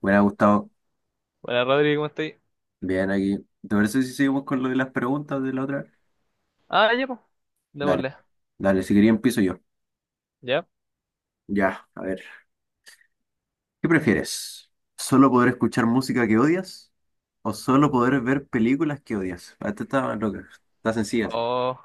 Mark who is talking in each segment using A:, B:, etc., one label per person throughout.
A: Buena, Gustavo.
B: Hola Rodri, ¿cómo estáis?
A: Bien aquí. ¿Te parece si seguimos con lo de las preguntas de la otra vez?
B: Ah, ya, pues.
A: Dale,
B: Démosle.
A: dale, si quería empiezo yo.
B: Ya.
A: Ya, a ver. ¿Qué prefieres? ¿Solo poder escuchar música que odias o solo poder ver películas que odias? Ah, esta está loca, está sencilla, sí.
B: Oh.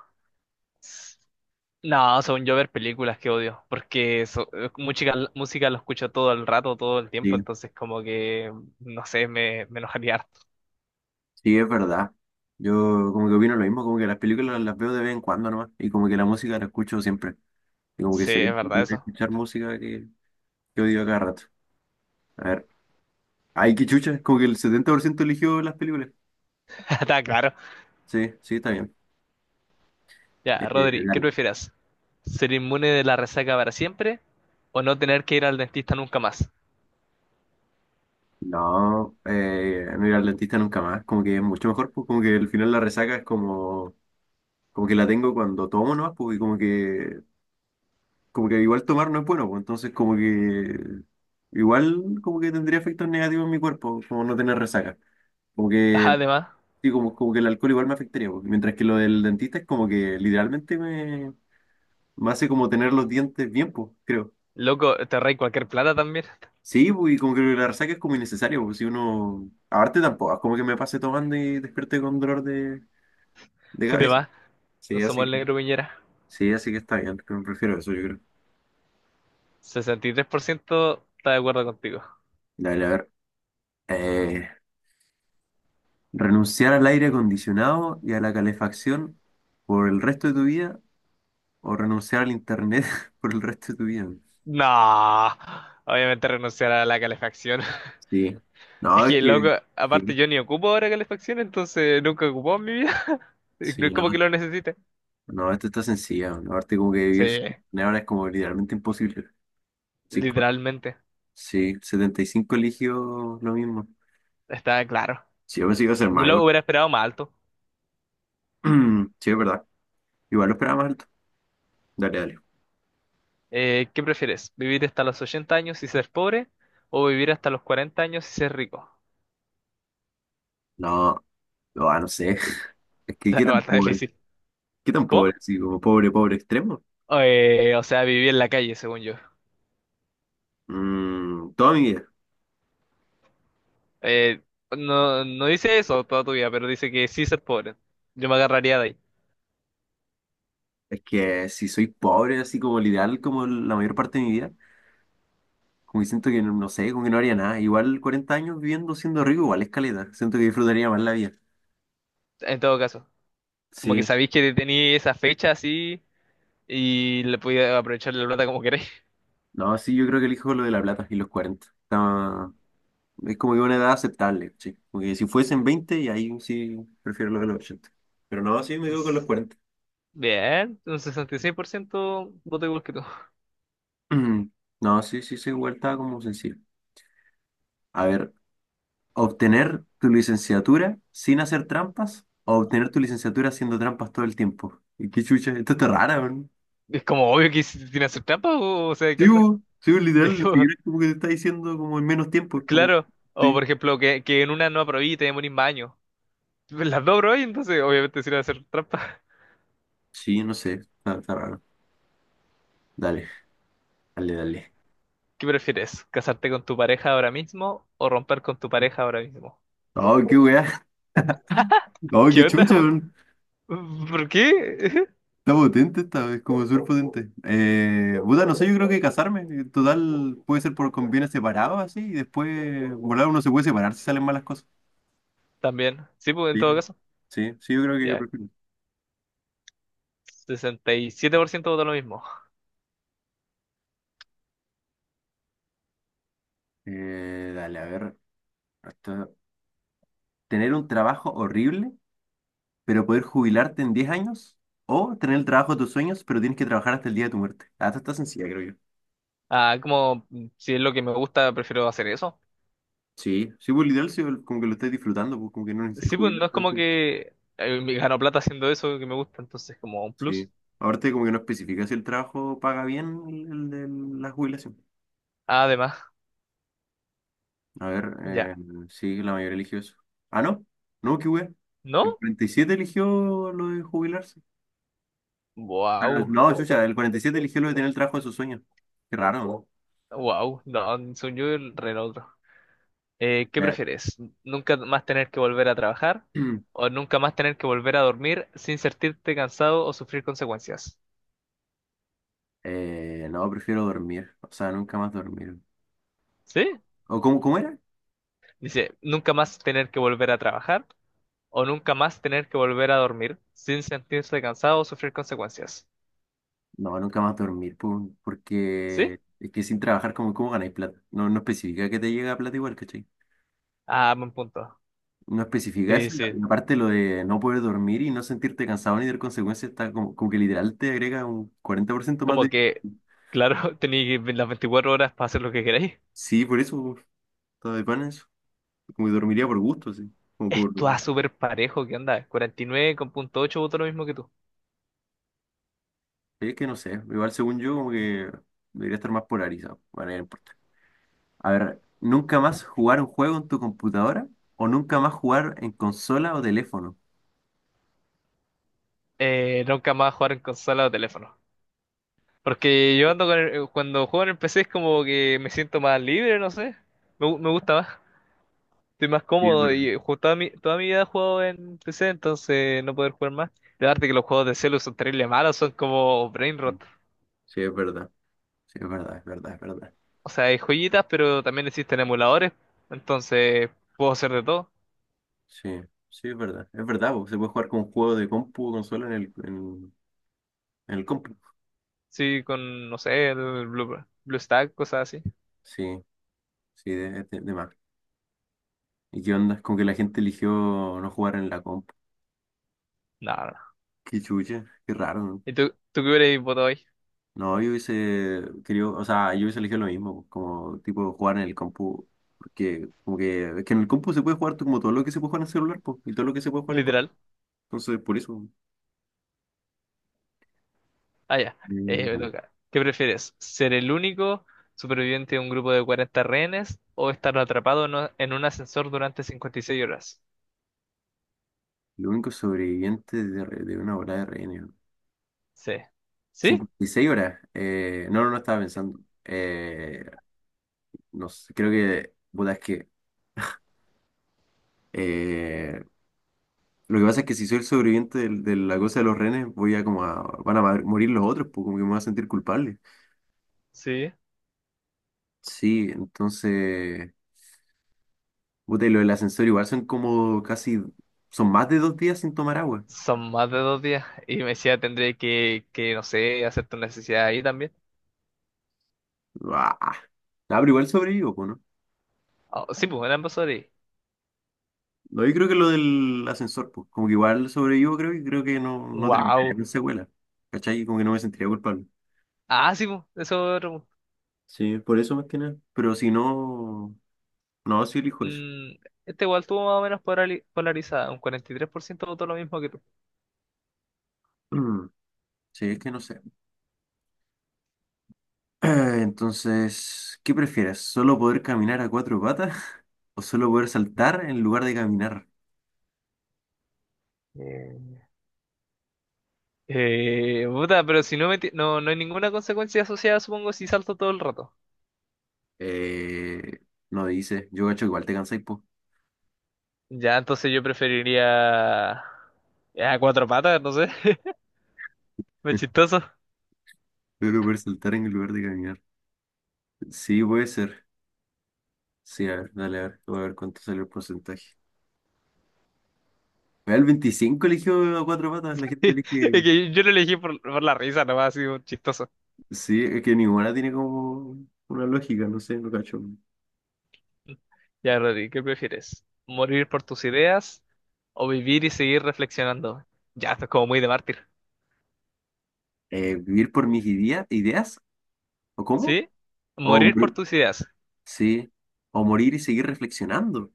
B: No, según yo ver películas que odio, porque música lo escucho todo el rato, todo el
A: Sí,
B: tiempo, entonces como que, no sé, me enojaría harto.
A: sí, es verdad. Yo como que opino lo mismo, como que las películas las veo de vez en cuando nomás y como que la música la escucho siempre. Y como que
B: Sí,
A: sería
B: es verdad
A: mejor
B: eso.
A: escuchar música que odio a cada rato. A ver, ay, qué chucha, es como que el 70% eligió las películas.
B: Está claro.
A: Sí, sí, está bien.
B: Ya,
A: Eh,
B: Rodri, ¿qué
A: Dale.
B: prefieras? ¿Ser inmune de la resaca para siempre o no tener que ir al dentista nunca más?
A: No, no ir al dentista nunca más, como que es mucho mejor, pues como que al final la resaca es como, como que la tengo cuando tomo nomás, pues y como que igual tomar no es bueno, pues entonces como que igual como que tendría efectos negativos en mi cuerpo, como no tener resaca. Como que,
B: Además,
A: sí, como, como que el alcohol igual me afectaría, pues, mientras que lo del dentista es como que literalmente me, me hace como tener los dientes bien, pues, creo.
B: loco, te reí cualquier plata también.
A: Sí, pues, y como que la resaca es como innecesaria, porque si uno. Aparte tampoco, es como que me pase tomando y despierte con dolor de cabeza.
B: Además, no
A: Sí,
B: somos
A: así
B: el
A: que,
B: negro Piñera.
A: sí, así que está bien, pero prefiero eso, yo creo.
B: 63% está de acuerdo contigo.
A: Dale, a ver. Eh, ¿Renunciar al aire acondicionado y a la calefacción por el resto de tu vida o renunciar al internet por el resto de tu vida?
B: No, obviamente renunciar a la calefacción.
A: Sí. No,
B: Es
A: es
B: que, loco,
A: que.
B: aparte
A: Sí,
B: yo ni ocupo ahora calefacción, entonces nunca ocupó en mi vida.
A: sí,
B: No es
A: no.
B: como que lo necesite.
A: No, esto está sencilla. Aparte, como que
B: Sí,
A: vivir sin internet ahora es como literalmente imposible. Sí.
B: literalmente,
A: Sí, 75% eligió lo mismo.
B: está claro.
A: Sí, yo pensé que iba a ser
B: Yo
A: más
B: lo
A: igual.
B: hubiera esperado más alto.
A: Sí, es verdad. Igual lo esperaba más alto. Dale, dale.
B: ¿Qué prefieres? ¿Vivir hasta los 80 años y ser pobre? ¿O vivir hasta los 40 años y ser rico?
A: No, no, ah, no sé. Es que qué
B: Está,
A: tan
B: está
A: pobre.
B: difícil.
A: Qué tan pobre,
B: ¿Cómo?
A: así como pobre, pobre extremo.
B: O sea, vivir en la calle, según yo.
A: Mm, toda mi vida.
B: Eh, no, no dice eso toda tu vida, pero dice que sí ser pobre. Yo me agarraría de ahí,
A: Es que si soy pobre, así como el ideal, como la mayor parte de mi vida, como que siento que no, no sé, como que no haría nada. Igual 40 años viviendo siendo rico, igual es caleta. Siento que disfrutaría más la vida.
B: en todo caso. Como que
A: Sí,
B: sabéis que tenéis esa fecha así y le podéis aprovechar la plata como queréis.
A: no, sí, yo creo que elijo lo de la plata y los 40. Está, es como que una edad aceptable, sí. Porque si fuesen 20 y ahí sí prefiero lo de los 80. Pero no, sí me quedo con los
B: Entonces,
A: cuarenta.
B: bien, un 66% voto igual que tú.
A: No, sí, sí, sí, igual estaba como sencillo. A ver, obtener tu licenciatura sin hacer trampas o obtener tu licenciatura haciendo trampas todo el tiempo. Y qué chucha, esto está rara, weón.
B: Es como obvio que tiene que hacer trampa o sea, ¿qué onda?
A: Sí, bo, literal,
B: Es
A: ni
B: como,
A: siquiera es como que te está diciendo como en menos tiempo, es como,
B: claro. O
A: sí.
B: por ejemplo, que en una no aprobé y te demorís más años. Pues las dos aprobé, entonces obviamente sirve hacer trampa.
A: Sí, no sé, está, está raro. Dale, dale.
B: ¿Qué prefieres? ¿Casarte con tu pareja ahora mismo o romper con tu pareja ahora mismo?
A: Ay, qué weá. Ay,
B: ¿Qué
A: qué
B: onda?
A: chucha, weón.
B: ¿Por qué?
A: Está potente esta vez, como súper potente. Puta, no sé, yo creo que casarme, total, puede ser por convienes separados así, y después, volar uno se puede separar si salen malas cosas.
B: También. Sí, pues en
A: Sí,
B: todo caso.
A: sí, sí, yo creo que yo
B: Ya,
A: prefiero.
B: 67% votó lo mismo.
A: Dale, a ver, hasta- tener un trabajo horrible, pero poder jubilarte en 10 años, o tener el trabajo de tus sueños, pero tienes que trabajar hasta el día de tu muerte. Hasta está sencilla, creo yo.
B: Ah, como mm, si es lo que me gusta, prefiero hacer eso.
A: Sí, sí, pues literal, sí, como que lo estás disfrutando, pues como que no necesitas
B: Sí, pues
A: jubilar
B: no es como
A: tampoco.
B: que me gano plata haciendo eso que me gusta, entonces como un
A: Sí.
B: plus.
A: Aparte, como que no especifica si el trabajo paga bien el de la jubilación.
B: Además,
A: A ver,
B: ya.
A: sí, la mayoría eligió eso. Ah, no, no, qué wea. El
B: ¿No?
A: 47 eligió lo de jubilarse. Ah,
B: Wow.
A: no, chucha, el 47 eligió lo de tener el trabajo de sus sueños. Qué raro,
B: Wow. No, soy yo el re otro. ¿Qué
A: ¿no?
B: prefieres? ¿Nunca más tener que volver a trabajar? ¿O nunca más tener que volver a dormir sin sentirte cansado o sufrir consecuencias?
A: No, prefiero dormir. O sea, nunca más dormir.
B: ¿Sí?
A: ¿O cómo, cómo era?
B: Dice, nunca más tener que volver a trabajar o nunca más tener que volver a dormir sin sentirse cansado o sufrir consecuencias.
A: No, nunca más dormir, po,
B: ¿Sí?
A: porque es que sin trabajar, ¿cómo cómo ganáis plata? No, no especifica que te llega plata igual,
B: Ah, buen punto.
A: no especifica eso,
B: Sí, sí.
A: y aparte lo de no poder dormir y no sentirte cansado ni tener consecuencias, está como, como que literal te agrega un 40% más
B: Como
A: de...
B: que, claro, tenéis las 24 horas para hacer lo que queráis.
A: Sí, por eso, todo de pan eso. Como que dormiría por gusto, sí. Como por...
B: Esto es súper parejo, ¿qué onda? 49,8 voto lo mismo que tú.
A: Es que no sé, igual según yo como que debería estar más polarizado. Bueno, ya no importa. A ver, ¿nunca más jugar un juego en tu computadora o nunca más jugar en consola o teléfono?
B: Nunca más jugar en consola o teléfono. Porque yo ando con cuando juego en el PC es como que me siento más libre, no sé. Me gusta más. Estoy más
A: Sí, es
B: cómodo
A: verdad.
B: y toda mi vida he jugado en PC, entonces no poder jugar más. La verdad que los juegos de celu son terrible malos, son como brain rot.
A: Sí, es verdad. Sí, es verdad, es verdad, es verdad.
B: O sea, hay joyitas, pero también existen emuladores, entonces puedo hacer de todo.
A: Sí, sí, es verdad. Es verdad, porque se puede jugar con juegos de compu, consola en el compu.
B: Sí, con, no sé, el Blue, BlueStack, cosas así.
A: Sí, sí, de más. ¿Y qué onda? Es como que la gente eligió no jugar en la compu.
B: No, no, no.
A: Qué chucha, qué raro, ¿no?
B: ¿Y tú qué hubieras votado hoy?
A: No, yo hubiese querido, o sea, yo hubiese elegido lo mismo, como tipo jugar en el compu. Porque como que, es que en el compu se puede como todo lo que se puede jugar en celular, pues, y todo lo que se puede jugar en consola.
B: Literal.
A: Entonces, por eso.
B: Ah, ya. Me
A: Mm.
B: toca. ¿Qué prefieres? ¿Ser el único superviviente de un grupo de 40 rehenes o estar atrapado en un ascensor durante 56 horas?
A: Lo único sobreviviente de, de una hora de reino.
B: Sí. ¿Sí?
A: 56 horas. No, no, no estaba pensando. Eh, no sé, creo que, puta, es que eh, lo que pasa es que si soy el sobreviviente de, la cosa de los renes, voy a como a, van a morir los otros, pues como que me voy a sentir culpable.
B: Sí,
A: Sí, entonces, puta, y lo del ascensor igual son como casi, son más de 2 días sin tomar agua.
B: son más de dos días. Y me decía, tendré que, no sé, hacer tu necesidad ahí también.
A: Ah, nah, pero igual sobrevivo, pues, ¿no?
B: Ah, sí, pues, eran ambos horas.
A: No, yo creo que lo del ascensor, pues, como que igual sobrevivo, creo, y creo que no, no terminaría
B: Wow.
A: con secuela. ¿Cachai? Como que no me sentiría culpable.
B: Ah, sí, pues, eso otro, pues.
A: Sí, por eso más que nada. Pero si no, no, sí elijo eso.
B: Mm, este igual tuvo más o menos polarizada. Un 43% votó lo mismo que tú.
A: Mm, sí, es que no sé. Entonces, ¿qué prefieres? ¿Solo poder caminar a cuatro patas o solo poder saltar en lugar de caminar?
B: Mm. Puta, pero si no, no, no hay ninguna consecuencia asociada, supongo, si salto todo el rato.
A: Eh, no dice, yo gacho igual te cansáis, po.
B: Ya, entonces yo preferiría a cuatro patas, no sé. Me chistoso.
A: Solo poder saltar en lugar de caminar. Sí, puede ser. Sí, a ver, dale, a ver, voy a ver cuánto sale el porcentaje. Vea, el 25 eligió a cuatro patas, la gente
B: Es
A: elige.
B: que yo lo elegí por la risa, nomás, así, un chistoso.
A: Sí, es que ninguna tiene como una lógica, no sé, no cacho.
B: Ya, Rodri, ¿qué prefieres? ¿Morir por tus ideas o vivir y seguir reflexionando? Ya, esto es como muy de mártir.
A: Vivir por mis ideas, ¿o cómo?
B: ¿Sí?
A: O,
B: ¿Morir por
A: mor-
B: tus ideas
A: sí, o morir y seguir reflexionando.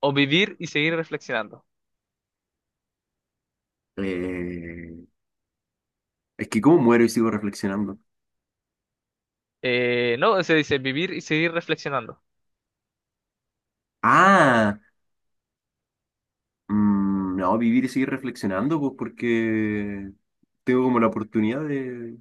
B: o vivir y seguir reflexionando?
A: Eh, es que ¿cómo muero y sigo reflexionando?
B: No, se dice vivir y seguir reflexionando.
A: Ah, mm, no, vivir y seguir reflexionando, pues porque tengo como la oportunidad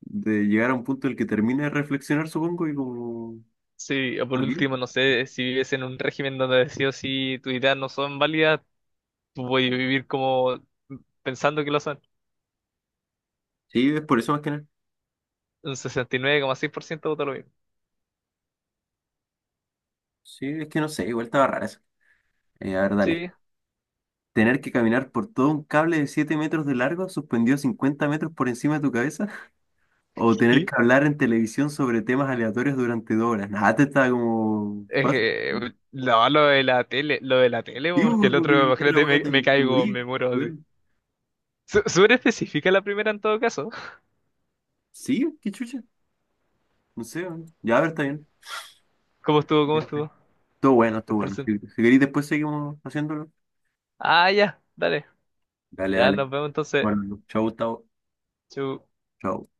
A: de llegar a un punto en el que termine de reflexionar, supongo, y como
B: Sí, o por
A: estar bien.
B: último, no sé, si vives en un régimen donde sí o sí tus ideas no son válidas, tú puedes vivir como pensando que lo son.
A: Sí, es por eso más que nada.
B: Un 69,6% vota lo mismo.
A: Sí, es que no sé, igual estaba rara eso. A ver, dale. Tener que caminar por todo un cable de 7 metros de largo suspendido 50 metros por encima de tu cabeza. O tener
B: Sí.
A: que hablar en televisión sobre temas aleatorios durante 2 horas. Nada, te está como fácil.
B: Eh, no, lo de la tele, lo de la tele,
A: Digo
B: porque
A: porque
B: el otro,
A: la otra
B: imagínate,
A: wea te,
B: me
A: te
B: caigo,
A: morí.
B: me muero así.
A: Weón.
B: Súper específica la primera en todo caso.
A: Sí, qué chucha. No sé, weón. Ya, a ver, está bien.
B: ¿Cómo estuvo? ¿Cómo estuvo?
A: Todo bueno,
B: El
A: todo bueno.
B: porcentaje.
A: Si, si queréis, después seguimos haciéndolo.
B: Ah, ya, dale.
A: Dale,
B: Ya
A: dale.
B: nos vemos entonces.
A: Bueno, chao, Gustavo.
B: Chau.
A: Chao.